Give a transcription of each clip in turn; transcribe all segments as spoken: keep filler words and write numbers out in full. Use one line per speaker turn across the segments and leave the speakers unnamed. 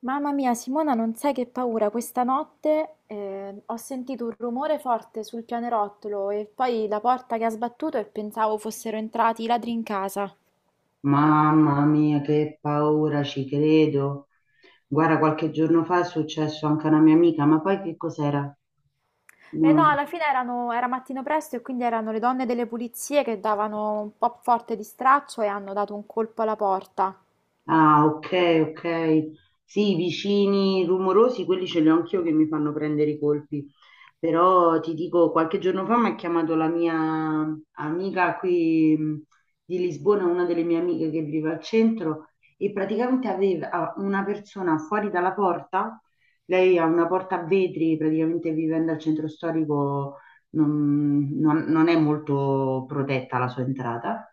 Mamma mia, Simona, non sai che paura. Questa notte eh, ho sentito un rumore forte sul pianerottolo e poi la porta che ha sbattuto e pensavo fossero entrati i ladri in casa.
Mamma mia, che paura, ci credo. Guarda, qualche giorno fa è successo anche a una mia amica, ma poi che cos'era?
E no,
No.
alla fine erano- era mattino presto e quindi erano le donne delle pulizie che davano un po' forte di straccio e hanno dato un colpo alla porta.
Ah, ok, ok. Sì, i vicini rumorosi, quelli ce li ho anch'io che mi fanno prendere i colpi. Però ti dico, qualche giorno fa mi ha chiamato la mia amica qui mh, di Lisbona, una delle mie amiche che vive al centro, e praticamente aveva ah, una persona fuori dalla porta. Lei ha una porta a vetri, praticamente vivendo al centro storico non non- non è molto protetta la sua entrata.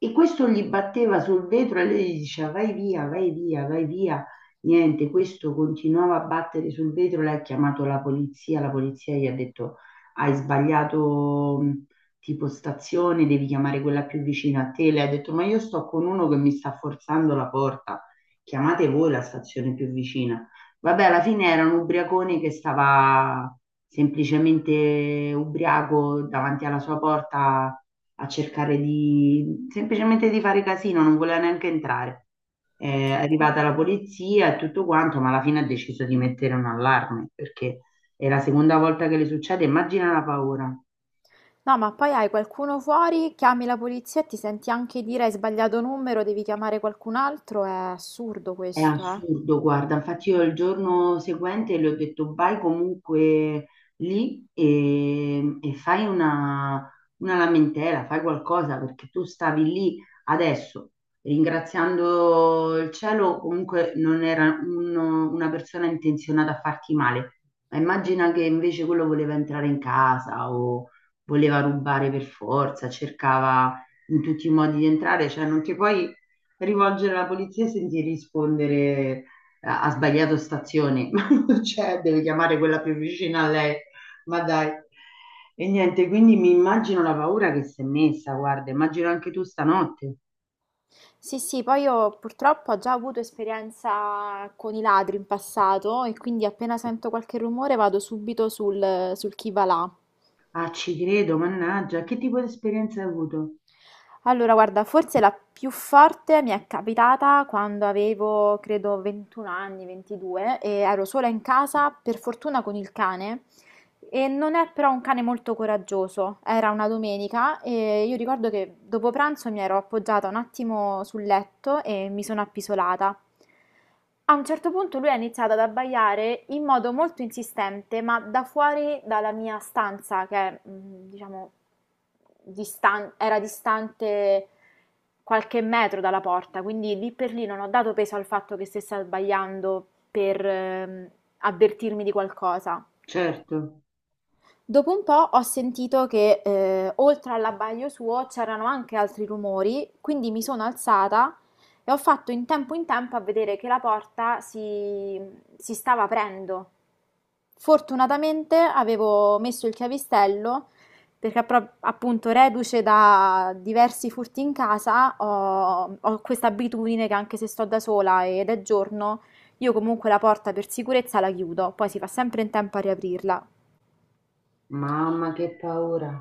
E questo gli batteva sul vetro e lei gli diceva vai via, vai via, vai via. Niente, questo continuava a battere sul vetro, lei ha chiamato la polizia, la polizia gli ha detto hai sbagliato mh, tipo stazione, devi chiamare quella più vicina a te. Lei ha detto ma io sto con uno che mi sta forzando la porta, chiamate voi la stazione più vicina. Vabbè, alla fine era un ubriacone che stava semplicemente ubriaco davanti alla sua porta a cercare di semplicemente di fare casino, non voleva neanche entrare. È arrivata la polizia e tutto quanto, ma alla fine ha deciso di mettere un allarme perché è la seconda volta che le succede, immagina la paura.
No, ma poi hai qualcuno fuori, chiami la polizia e ti senti anche dire hai sbagliato numero, devi chiamare qualcun altro. È assurdo
È
questo, eh?
assurdo, guarda, infatti io il giorno seguente le ho detto vai comunque lì e, e fai una, una lamentela, fai qualcosa perché tu stavi lì adesso, ringraziando il cielo, comunque non era uno- una persona intenzionata a farti male. Ma immagina che invece quello voleva entrare in casa o voleva rubare per forza, cercava in tutti i modi di entrare, cioè non ti puoi rivolgere alla polizia e sentire rispondere ha ha sbagliato stazione, ma non c'è, deve chiamare quella più vicina a lei, ma dai. E niente, quindi mi immagino la paura che si è messa, guarda, immagino anche tu stanotte.
Sì, sì, poi io purtroppo ho già avuto esperienza con i ladri in passato e quindi appena sento qualche rumore vado subito sul, sul chi va là.
Ah, ci credo, mannaggia, che tipo di esperienza hai avuto?
Allora, guarda, forse la più forte mi è capitata quando avevo, credo, ventuno anni, ventidue, e ero sola in casa, per fortuna con il cane. E non è però un cane molto coraggioso. Era una domenica e io ricordo che dopo pranzo mi ero appoggiata un attimo sul letto e mi sono appisolata. A un certo punto lui ha iniziato ad abbaiare in modo molto insistente, ma da fuori dalla mia stanza, che è, mm, diciamo, distan- era distante qualche metro dalla porta, quindi lì per lì non ho dato peso al fatto che stesse abbaiando per ehm, avvertirmi di qualcosa.
Certo,
Dopo un po' ho sentito che eh, oltre all'abbaglio suo c'erano anche altri rumori, quindi mi sono alzata e ho fatto in tempo in tempo a vedere che la porta si, si stava aprendo. Fortunatamente avevo messo il chiavistello perché pro- appunto reduce da diversi furti in casa ho, ho questa abitudine che anche se sto da sola ed è giorno, io comunque la porta per sicurezza la chiudo, poi si fa sempre in tempo a riaprirla.
mamma che paura.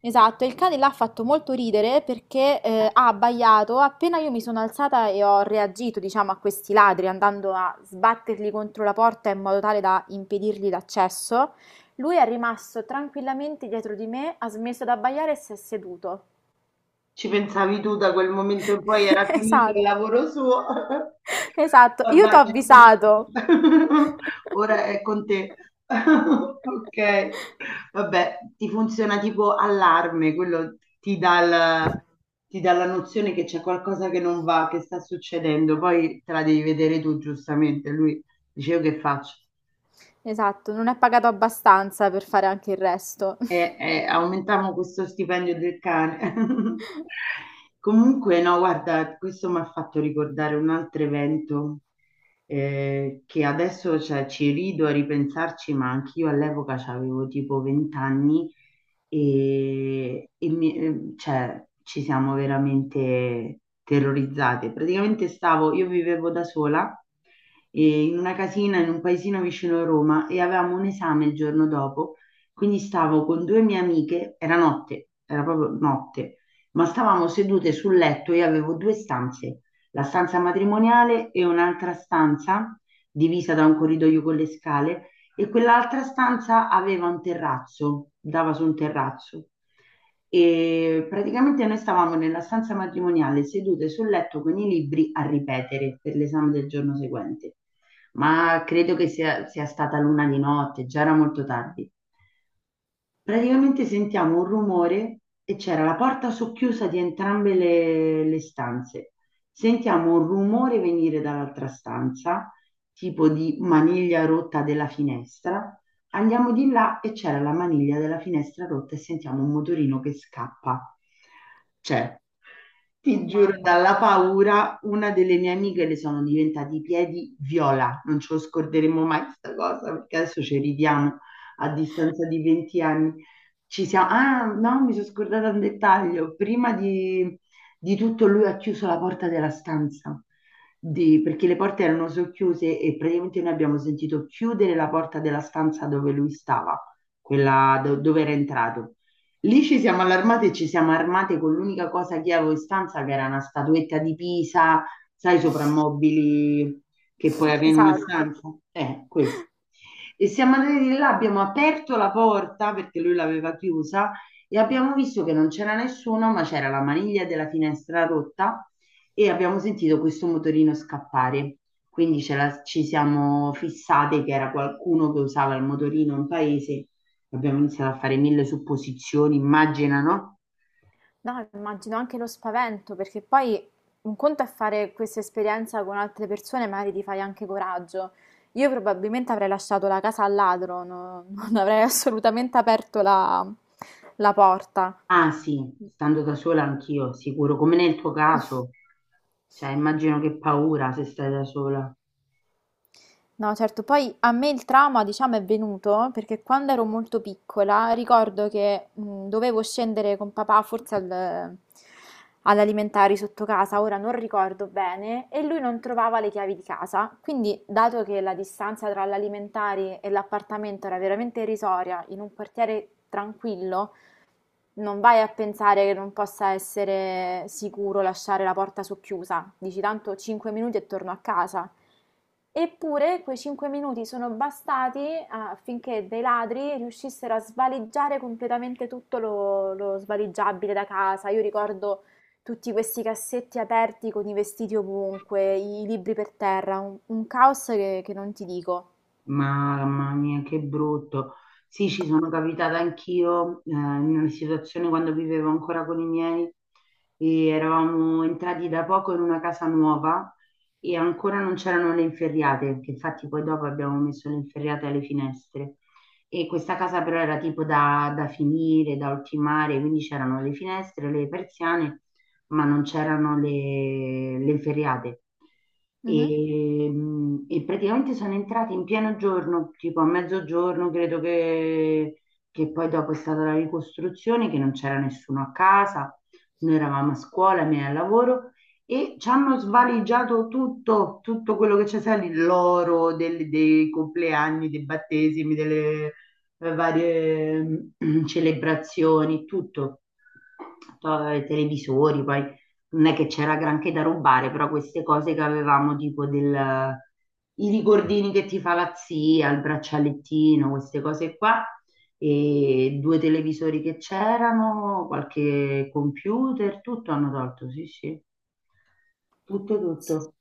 Esatto, e il cane là ha fatto molto ridere perché eh, ha abbaiato appena io mi sono alzata e ho reagito, diciamo, a questi ladri andando a sbatterli contro la porta in modo tale da impedirgli l'accesso. Lui è rimasto tranquillamente dietro di me, ha smesso di abbaiare e si è seduto.
Ci pensavi tu, da quel momento in poi era finito il
Esatto,
lavoro suo.
esatto, io t'ho
Ormai
avvisato.
ora è con te. Ok. Vabbè, ti funziona tipo allarme, quello ti dà il- ti dà la nozione che c'è qualcosa che non va, che sta succedendo, poi te la devi vedere tu giustamente. Lui dice, io che faccio?
Esatto, non è pagato abbastanza per fare anche il resto.
Eh, eh, aumentiamo questo stipendio del cane. Comunque, no, guarda, questo mi ha fatto ricordare un altro evento eh, che adesso, cioè, ci rido a ripensarci, ma anch'io all'epoca avevo tipo venti anni e, e mi- eh, cioè, ci siamo veramente terrorizzate. Praticamente stavo, io vivevo da sola eh, in una casina in un paesino vicino a Roma e avevamo un esame il giorno dopo, quindi stavo con due mie amiche, era notte, era proprio notte, ma stavamo sedute sul letto, io avevo due stanze, la stanza matrimoniale e un'altra stanza divisa da un corridoio con le scale, e quell'altra stanza aveva un terrazzo, dava su un terrazzo. E praticamente noi stavamo nella stanza matrimoniale sedute sul letto con i libri a ripetere per l'esame del giorno seguente. Ma credo che sia, sia stata l'una di notte, già era molto tardi. Praticamente sentiamo un rumore e c'era la porta socchiusa di entrambe le, le stanze. Sentiamo un rumore venire dall'altra stanza, tipo di maniglia rotta della finestra. Andiamo di là e c'era la maniglia della finestra rotta e sentiamo un motorino che scappa. Cioè,
Oh
ti giuro, dalla
mamma,
paura, una delle mie amiche le sono diventati i piedi viola. Non ce lo scorderemo mai questa cosa, perché adesso ci ridiamo a distanza di venti anni. Ci siamo... Ah, no, mi sono scordata un dettaglio. Prima di, di tutto lui ha chiuso la porta della stanza, di- perché le porte erano socchiuse e praticamente noi abbiamo sentito chiudere la porta della stanza dove lui stava, quella do- dove era entrato. Lì ci siamo allarmate e ci siamo armate con l'unica cosa che avevo in stanza, che era una statuetta di Pisa, sai, soprammobili che puoi avere in una
esatto.
stanza. Eh, questo. E siamo andati di là, abbiamo aperto la porta perché lui l'aveva chiusa e abbiamo visto che non c'era nessuno, ma c'era la maniglia della finestra rotta e abbiamo sentito questo motorino scappare. Quindi ce la- ci siamo fissate che era qualcuno che usava il motorino in paese. Abbiamo iniziato a fare mille supposizioni, immagina, no?
No, immagino anche lo spavento, perché poi un conto è fare questa esperienza con altre persone, magari ti fai anche coraggio. Io probabilmente avrei lasciato la casa al ladro, no- non avrei assolutamente aperto la, la porta.
Ah sì, stando da sola anch'io, sicuro, come nel tuo caso. Cioè, immagino che paura se stai da sola.
No, certo, poi a me il trauma, diciamo, è venuto perché quando ero molto piccola ricordo che mh, dovevo scendere con papà forse al- all'alimentari sotto casa, ora non ricordo bene, e lui non trovava le chiavi di casa. Quindi, dato che la distanza tra l'alimentari e l'appartamento era veramente irrisoria in un quartiere tranquillo, non vai a pensare che non possa essere sicuro lasciare la porta socchiusa, dici tanto cinque minuti e torno a casa. Eppure quei cinque minuti sono bastati ah, affinché dei ladri riuscissero a svaligiare completamente tutto lo, lo svaligiabile da casa. Io ricordo tutti questi cassetti aperti con i vestiti ovunque, i libri per terra, un, un caos che, che non ti dico.
Mamma mia, che brutto. Sì, ci sono capitata anch'io, eh, in una situazione quando vivevo ancora con i miei e eravamo entrati da poco in una casa nuova e ancora non c'erano le inferriate, che infatti poi dopo abbiamo messo le inferriate alle finestre. E questa casa però era tipo da, da finire, da ultimare, quindi c'erano le finestre, le persiane, ma non c'erano le, le feriate.
Mhm.
E, mh, e praticamente sono entrati in pieno giorno, tipo a mezzogiorno, credo che, che poi dopo è stata la ricostruzione, che non c'era nessuno a casa, noi eravamo a scuola, me al lavoro, e ci hanno svaligiato tutto, tutto quello che c'è, sai, l'oro del- dei compleanni, dei battesimi, delle, eh, varie mm, celebrazioni, tutto, To- televisori, poi non è che c'era granché da rubare, però queste cose che avevamo, tipo del, i ricordini che ti fa la zia, il braccialettino, queste cose qua, e due televisori che c'erano, qualche computer, tutto hanno tolto, sì, sì, tutto, tutto.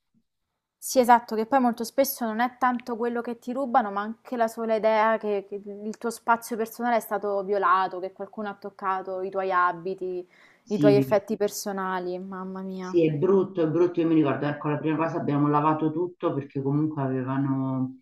Sì, esatto, che poi molto spesso non è tanto quello che ti rubano, ma anche la sola idea che, che il tuo spazio personale è stato violato, che qualcuno ha toccato i tuoi abiti, i tuoi
Sì,
effetti personali, mamma mia.
sì, è brutto, è brutto, io mi ricordo, ecco, la prima cosa abbiamo lavato tutto perché comunque avevano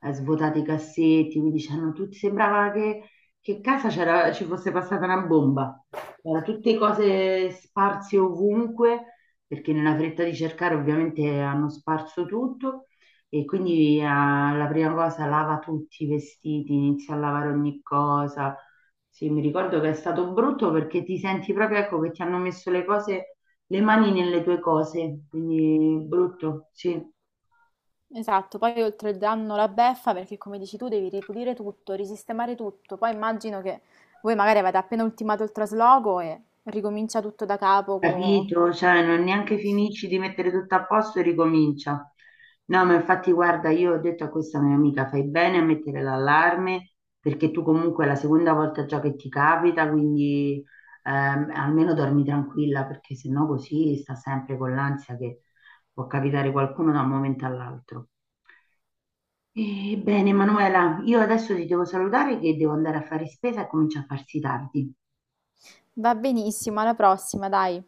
eh, svuotato i cassetti, quindi c'erano tutti, sembrava che, che casa c'era- ci fosse passata una bomba, erano tutte cose sparse ovunque, perché nella fretta di cercare ovviamente hanno sparso tutto e quindi eh, la prima cosa lava tutti i vestiti, inizia a lavare ogni cosa. Sì, mi ricordo che è stato brutto perché ti senti proprio, ecco, che ti hanno messo le cose le mani nelle tue cose, quindi brutto, sì,
Esatto, poi oltre il danno la beffa, perché come dici tu devi ripulire tutto, risistemare tutto, poi immagino che voi magari avete appena ultimato il trasloco e ricomincia tutto da capo. co-
capito, cioè non neanche finisci di mettere tutto a posto e ricomincia. No, ma infatti guarda, io ho detto a questa mia amica, fai bene a mettere l'allarme perché tu comunque è la seconda volta già che ti capita, quindi ehm, almeno dormi tranquilla perché sennò così sta sempre con l'ansia che può capitare qualcuno da un momento all'altro. Ebbene, Manuela, io adesso ti devo salutare che devo andare a fare spesa e comincia a farsi tardi.
Va benissimo, alla prossima, dai.